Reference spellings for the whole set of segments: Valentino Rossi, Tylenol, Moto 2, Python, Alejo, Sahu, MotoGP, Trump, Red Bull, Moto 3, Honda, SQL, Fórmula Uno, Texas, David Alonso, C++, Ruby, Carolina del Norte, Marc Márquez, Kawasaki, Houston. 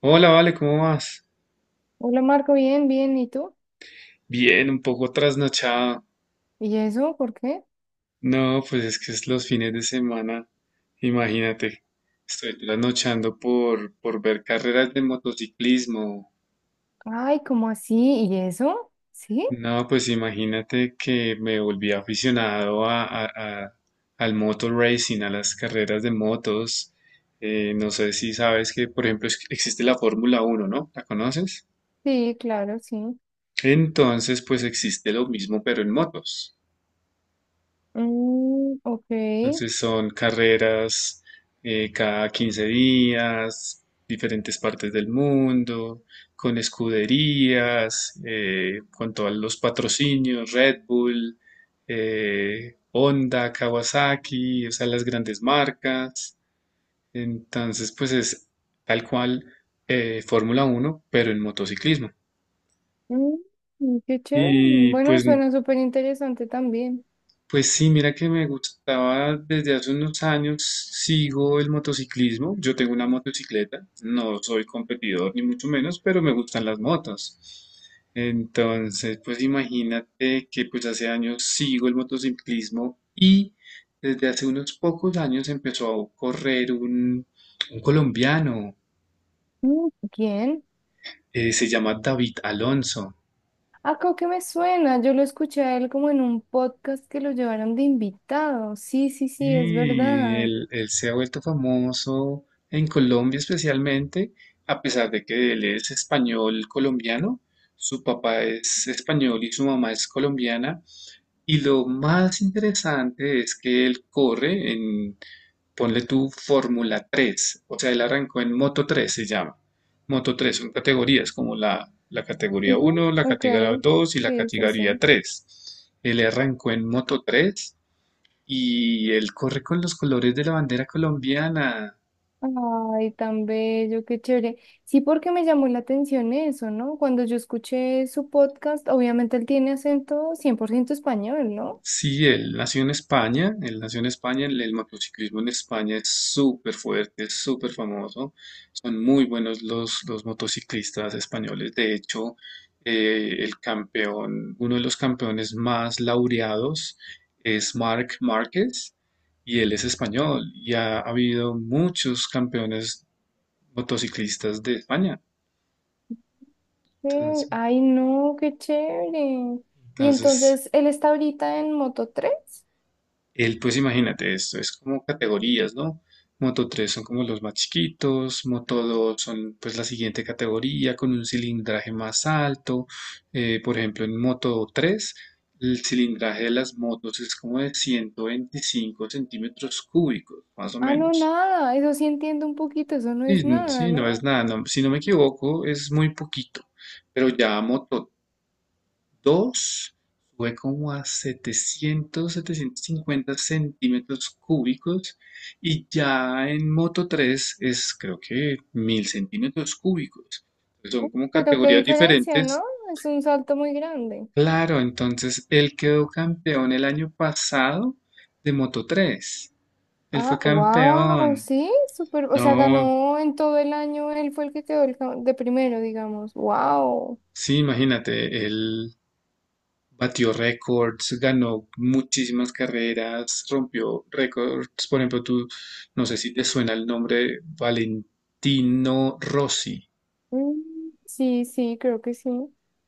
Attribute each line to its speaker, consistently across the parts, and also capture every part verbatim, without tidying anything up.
Speaker 1: Hola, Vale, ¿cómo vas?
Speaker 2: Hola Marco, bien, bien, ¿y tú?
Speaker 1: Bien, un poco trasnochado.
Speaker 2: ¿Y eso? ¿Por qué?
Speaker 1: No, pues es que es los fines de semana. Imagínate, estoy trasnochando por, por ver carreras de motociclismo.
Speaker 2: Ay, ¿cómo así? ¿Y eso? ¿Sí?
Speaker 1: No, pues imagínate que me volví aficionado a, a- a- al motor racing, a las carreras de motos. Eh, no sé si sabes que, por ejemplo, es- existe la Fórmula Uno, ¿no? ¿La conoces?
Speaker 2: Sí, claro, sí.
Speaker 1: Entonces, pues existe lo mismo, pero en motos.
Speaker 2: Mm, ok.
Speaker 1: Entonces son carreras eh, cada quince días, diferentes partes del mundo, con escuderías, eh, con todos los patrocinios, Red Bull, eh, Honda, Kawasaki, o sea, las grandes marcas. Entonces, pues es tal cual eh, Fórmula Uno pero en motociclismo.
Speaker 2: Mm, mm, qué chévere.
Speaker 1: Y
Speaker 2: Bueno,
Speaker 1: pues
Speaker 2: suena súper interesante también.
Speaker 1: Pues sí, mira que me gustaba desde hace unos años, sigo el motociclismo, yo tengo una motocicleta, no soy competidor ni mucho menos, pero me gustan las motos. Entonces, pues imagínate que pues hace años sigo el motociclismo y desde hace unos pocos años empezó a correr un, un colombiano,
Speaker 2: Mm, ¿quién?
Speaker 1: eh, se llama David Alonso.
Speaker 2: Ah, creo que me suena. Yo lo escuché a él como en un podcast que lo llevaron de invitado. Sí, sí, sí, es
Speaker 1: Y
Speaker 2: verdad.
Speaker 1: él, él se ha vuelto famoso en Colombia especialmente, a pesar de que él es español colombiano, su papá es español y su mamá es colombiana. Y lo más interesante es que él corre en, ponle tú, Fórmula tres, o sea, él arrancó en Moto tres, se llama. Moto tres son categorías como la, la categoría
Speaker 2: Ujú,
Speaker 1: uno, la
Speaker 2: ok.
Speaker 1: categoría dos y la
Speaker 2: Sí, sí, sí.
Speaker 1: categoría tres. Él arrancó en Moto tres y él corre con los colores de la bandera colombiana.
Speaker 2: Ay, tan bello, qué chévere. Sí, porque me llamó la atención eso, ¿no? Cuando yo escuché su podcast, obviamente él tiene acento cien por ciento español, ¿no?
Speaker 1: Sí, él nació en España, él nació en España, el, el motociclismo en España es súper fuerte, es súper famoso, son muy buenos los, los motociclistas españoles, de hecho, eh, el campeón, uno de los campeones más laureados es Marc Márquez y él es español y ha habido muchos campeones motociclistas de España,
Speaker 2: Eh,
Speaker 1: entonces
Speaker 2: ay, no, qué chévere. Y
Speaker 1: entonces,
Speaker 2: entonces, ¿él está ahorita en Moto tres?
Speaker 1: El, pues imagínate esto, es como categorías, ¿no? Moto tres son como los más chiquitos, Moto dos son pues la siguiente categoría con un cilindraje más alto. Eh, por ejemplo, en Moto tres el cilindraje de las motos es como de ciento veinticinco centímetros cúbicos, más o
Speaker 2: Ah, no,
Speaker 1: menos.
Speaker 2: nada, eso sí entiendo un poquito, eso no
Speaker 1: Sí,
Speaker 2: es nada,
Speaker 1: sí, no es
Speaker 2: ¿no?
Speaker 1: nada, no- si no me equivoco es muy poquito, pero ya Moto dos sube como a setecientos setecientos cincuenta centímetros cúbicos y ya en Moto tres es creo que mil centímetros cúbicos. Son
Speaker 2: Uf,
Speaker 1: como
Speaker 2: pero qué
Speaker 1: categorías
Speaker 2: diferencia, ¿no?
Speaker 1: diferentes.
Speaker 2: Es un salto muy grande.
Speaker 1: Claro, entonces él quedó campeón el año pasado de Moto tres. Él fue
Speaker 2: Ah, wow,
Speaker 1: campeón.
Speaker 2: sí, súper, o sea,
Speaker 1: No,
Speaker 2: ganó en todo el año, él fue el que quedó el ca- de primero, digamos, wow.
Speaker 1: sí, imagínate, él batió récords, ganó muchísimas carreras, rompió récords. Por ejemplo, tú, no sé si te suena el nombre Valentino Rossi.
Speaker 2: Sí, sí, creo que sí.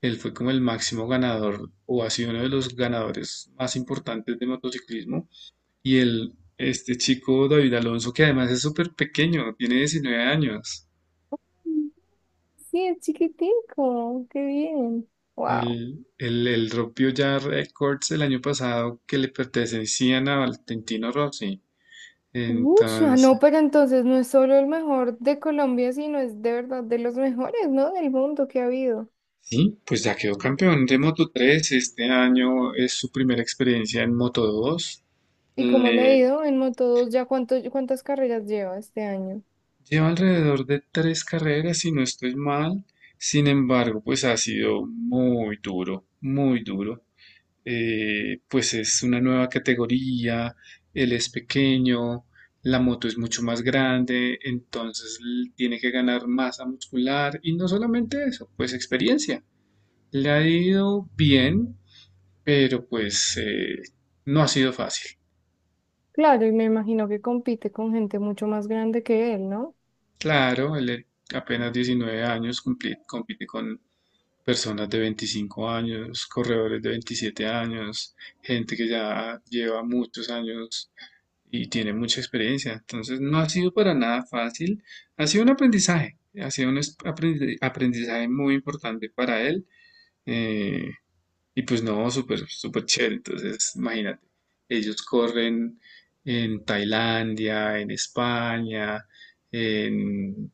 Speaker 1: Él fue como el máximo ganador o ha sido uno de los ganadores más importantes de motociclismo. Y él, este chico David Alonso, que además es súper pequeño, tiene diecinueve años.
Speaker 2: Mm, sí, es chiquitico, qué bien, wow.
Speaker 1: Él, él- él rompió ya récords el año pasado que le pertenecían a Valentino Rossi.
Speaker 2: Mucho, no,
Speaker 1: Entonces,
Speaker 2: pero entonces no es solo el mejor de Colombia, sino es de verdad de los mejores, ¿no? Del mundo que ha habido.
Speaker 1: sí, pues ya quedó campeón de Moto tres. Este año es su primera experiencia en Moto dos.
Speaker 2: ¿Y como le ha
Speaker 1: Le
Speaker 2: ido en Moto dos? ¿Ya cuánto, cuántas carreras lleva este año?
Speaker 1: Lleva alrededor de tres carreras, si no estoy mal. Sin embargo, pues ha sido muy duro, muy duro. Eh, pues es una nueva categoría, él es pequeño, la moto es mucho más grande, entonces l- tiene que ganar masa muscular y no solamente eso, pues experiencia. Le ha ido bien, pero pues eh, no ha sido fácil.
Speaker 2: Claro, y me imagino que compite con gente mucho más grande que él, ¿no?
Speaker 1: Claro, él es apenas diecinueve años, cumpli- compite con personas de veinticinco años, corredores de veintisiete años, gente que ya lleva muchos años y tiene mucha experiencia. Entonces no ha sido para nada fácil, ha sido un aprendizaje, ha sido un es- aprendi- aprendizaje muy importante para él. Eh, Y pues no, súper, súper chévere. Entonces, imagínate, ellos corren en Tailandia, en España, en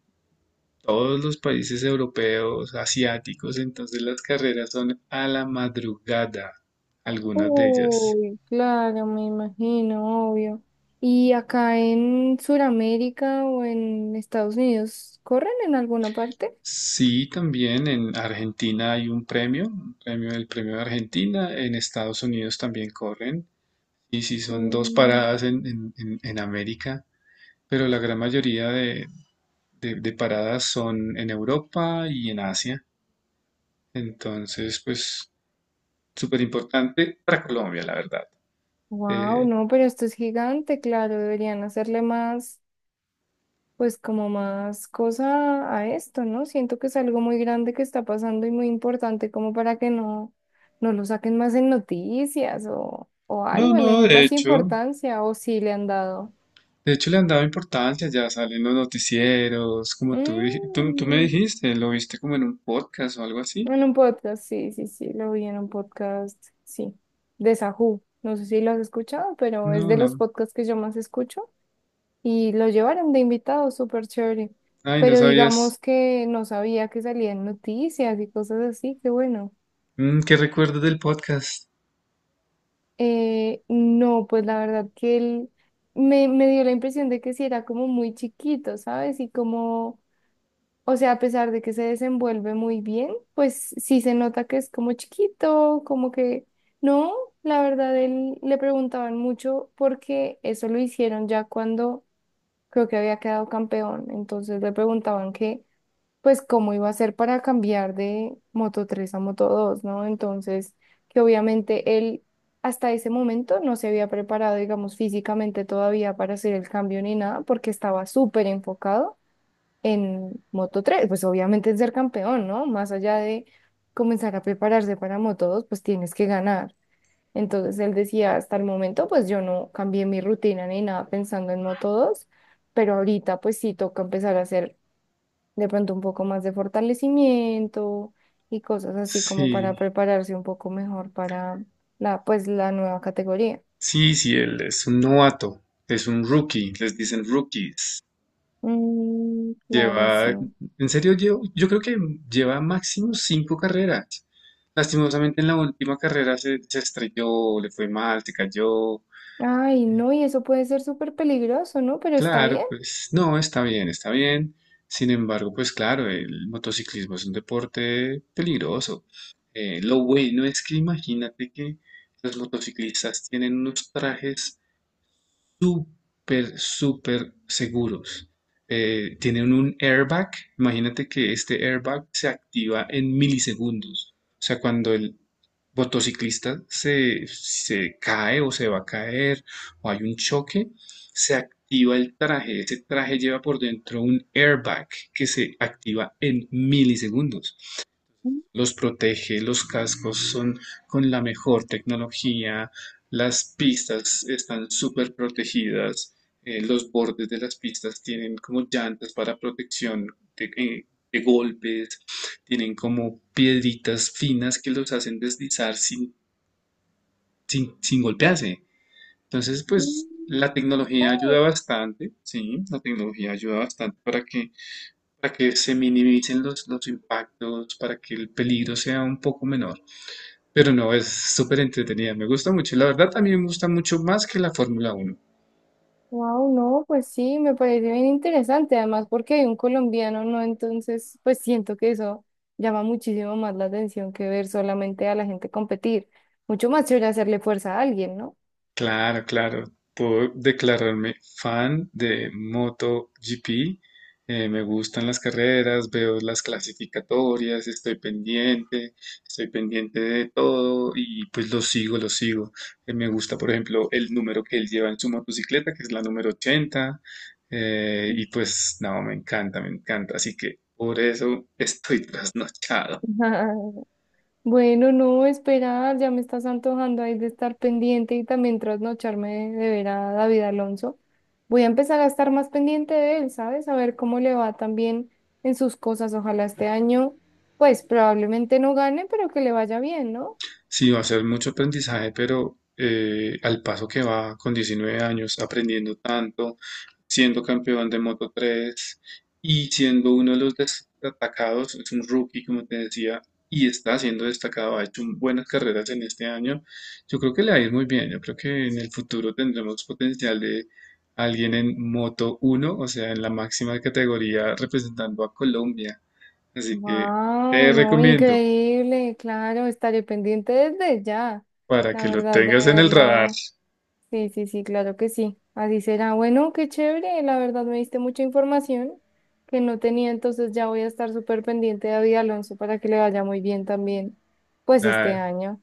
Speaker 1: todos los países europeos, asiáticos. Entonces, las carreras son a la madrugada, algunas de ellas.
Speaker 2: Uy, claro, me imagino, obvio. ¿Y acá en Sudamérica o en Estados Unidos corren en alguna parte?
Speaker 1: Sí, también en Argentina hay un premio, un premio el premio de Argentina. En Estados Unidos también corren. Y sí, son dos paradas en, en en- en América, pero la gran mayoría de, de, de paradas son en Europa y en Asia. Entonces, pues súper importante para Colombia, la verdad.
Speaker 2: Wow,
Speaker 1: Eh,
Speaker 2: no, pero esto es gigante, claro, deberían hacerle más, pues como más cosa a esto, ¿no? Siento que es algo muy grande que está pasando y muy importante como para que no, no lo saquen más en noticias o, o
Speaker 1: no,
Speaker 2: algo, le
Speaker 1: no,
Speaker 2: den
Speaker 1: de
Speaker 2: más
Speaker 1: hecho,
Speaker 2: importancia o si le han dado.
Speaker 1: de hecho le han dado importancia, ya salen los noticieros, como tú, dij- tú, tú me
Speaker 2: Mm.
Speaker 1: dijiste, lo viste como en un podcast o algo así.
Speaker 2: En un podcast, sí, sí, sí, lo vi en un podcast, sí, de Sahu. No sé si lo has escuchado, pero es
Speaker 1: No,
Speaker 2: de los
Speaker 1: no,
Speaker 2: podcasts que yo más escucho y lo llevaron de invitado, súper chévere.
Speaker 1: ay, no
Speaker 2: Pero
Speaker 1: sabías.
Speaker 2: digamos que no sabía que salían noticias y cosas así, qué bueno.
Speaker 1: Mm, ¿qué recuerdas del podcast?
Speaker 2: Eh, no, pues la verdad que él me, me dio la impresión de que sí era como muy chiquito, ¿sabes? Y como, o sea, a pesar de que se desenvuelve muy bien, pues sí se nota que es como chiquito, como que no, la verdad él le preguntaban mucho porque eso lo hicieron ya cuando creo que había quedado campeón, entonces le preguntaban que pues cómo iba a ser para cambiar de Moto tres a Moto dos, ¿no? Entonces, que obviamente él hasta ese momento no se había preparado, digamos, físicamente todavía para hacer el cambio ni nada porque estaba súper enfocado en Moto tres, pues obviamente es ser campeón, ¿no? Más allá de comenzar a prepararse para Moto dos, pues tienes que ganar. Entonces él decía, hasta el momento, pues yo no cambié mi rutina ni nada pensando en Moto dos, pero ahorita pues sí toca empezar a hacer de pronto un poco más de fortalecimiento y cosas así como para
Speaker 1: Sí,
Speaker 2: prepararse un poco mejor para la, pues, la nueva categoría.
Speaker 1: sí, sí, él es un novato, es un rookie, les dicen rookies.
Speaker 2: Mm, claro, sí.
Speaker 1: Lleva, en serio, yo, yo creo que lleva máximo cinco carreras. Lastimosamente en la última carrera se, se estrelló, le fue mal, se cayó.
Speaker 2: Ay, no, y eso puede ser súper peligroso, ¿no? Pero está
Speaker 1: Claro,
Speaker 2: bien.
Speaker 1: pues no, está bien, está bien. Sin embargo, pues claro, el motociclismo es un deporte peligroso. Eh, lo bueno es que imagínate que los motociclistas tienen unos trajes súper, súper seguros. Eh, tienen un airbag. Imagínate que este airbag se activa en milisegundos. O sea, cuando el motociclista se, se cae o se va a caer o hay un choque, se activa el traje. Ese traje lleva por dentro un airbag que se activa en milisegundos. Los protege, los cascos son con la mejor tecnología, las pistas están súper protegidas, eh, los bordes de las pistas tienen como llantas para protección de, eh, de golpes, tienen como piedritas finas que los hacen deslizar sin, sin, sin golpearse. Entonces, pues la tecnología ayuda bastante, sí, la tecnología ayuda bastante para que, para que se minimicen los, los impactos, para que el peligro sea un poco menor. Pero no, es súper entretenida, me gusta mucho. Y la verdad también me gusta mucho más que la Fórmula uno.
Speaker 2: Wow, no, pues sí, me parece bien interesante, además porque hay un colombiano, ¿no? Entonces, pues siento que eso llama muchísimo más la atención que ver solamente a la gente competir. Mucho más chévere hacerle fuerza a alguien, ¿no?
Speaker 1: Claro, claro, puedo declararme fan de MotoGP. Eh, me gustan las carreras, veo las clasificatorias, estoy pendiente, estoy pendiente de todo y pues lo sigo, lo sigo. Eh, me gusta, por ejemplo, el número que él lleva en su motocicleta, que es la número ochenta, eh, y pues, no, me encanta, me encanta. Así que por eso estoy trasnochado.
Speaker 2: Bueno, no, esperar, ya me estás antojando ahí de estar pendiente y también trasnocharme de ver a David Alonso. Voy a empezar a estar más pendiente de él, ¿sabes? A ver cómo le va también en sus cosas. Ojalá este año, pues probablemente no gane, pero que le vaya bien, ¿no?
Speaker 1: Sí, va a ser mucho aprendizaje, pero eh, al paso que va con diecinueve años, aprendiendo tanto, siendo campeón de Moto tres y siendo uno de los destacados, es un rookie, como te decía, y está siendo destacado, ha hecho un- buenas carreras en este año. Yo creo que le va a ir muy bien, yo creo que en el futuro tendremos potencial de alguien en Moto uno, o sea, en la máxima categoría representando a Colombia. Así que
Speaker 2: Wow,
Speaker 1: te
Speaker 2: no,
Speaker 1: recomiendo
Speaker 2: increíble, claro, estaré pendiente desde ya,
Speaker 1: para
Speaker 2: la
Speaker 1: que lo
Speaker 2: verdad, de
Speaker 1: tengas en el radar.
Speaker 2: verlo. Sí, sí, sí, claro que sí. Así será. Bueno, qué chévere. La verdad me diste mucha información que no tenía, entonces ya voy a estar súper pendiente de David Alonso para que le vaya muy bien también, pues
Speaker 1: Da-
Speaker 2: este año.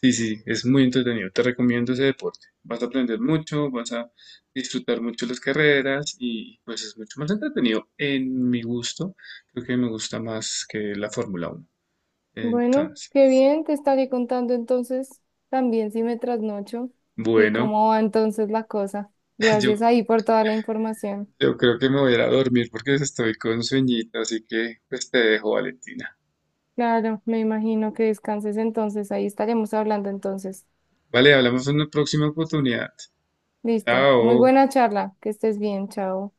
Speaker 1: sí, sí, es muy entretenido. Te recomiendo ese deporte. Vas a aprender mucho, vas a disfrutar mucho las carreras y pues es mucho más entretenido en mi gusto. Creo que me gusta más que la Fórmula uno.
Speaker 2: Bueno,
Speaker 1: Entonces,
Speaker 2: qué bien, te estaré contando entonces también si me trasnocho y
Speaker 1: bueno,
Speaker 2: cómo va entonces la cosa.
Speaker 1: yo,
Speaker 2: Gracias ahí por toda la información.
Speaker 1: yo creo que me voy a ir a dormir porque estoy con sueñito, así que pues te dejo, Valentina.
Speaker 2: Claro, me imagino que descanses entonces, ahí estaremos hablando entonces.
Speaker 1: Vale, hablamos en una próxima oportunidad.
Speaker 2: Listo. Muy
Speaker 1: Chao.
Speaker 2: buena charla, que estés bien, chao.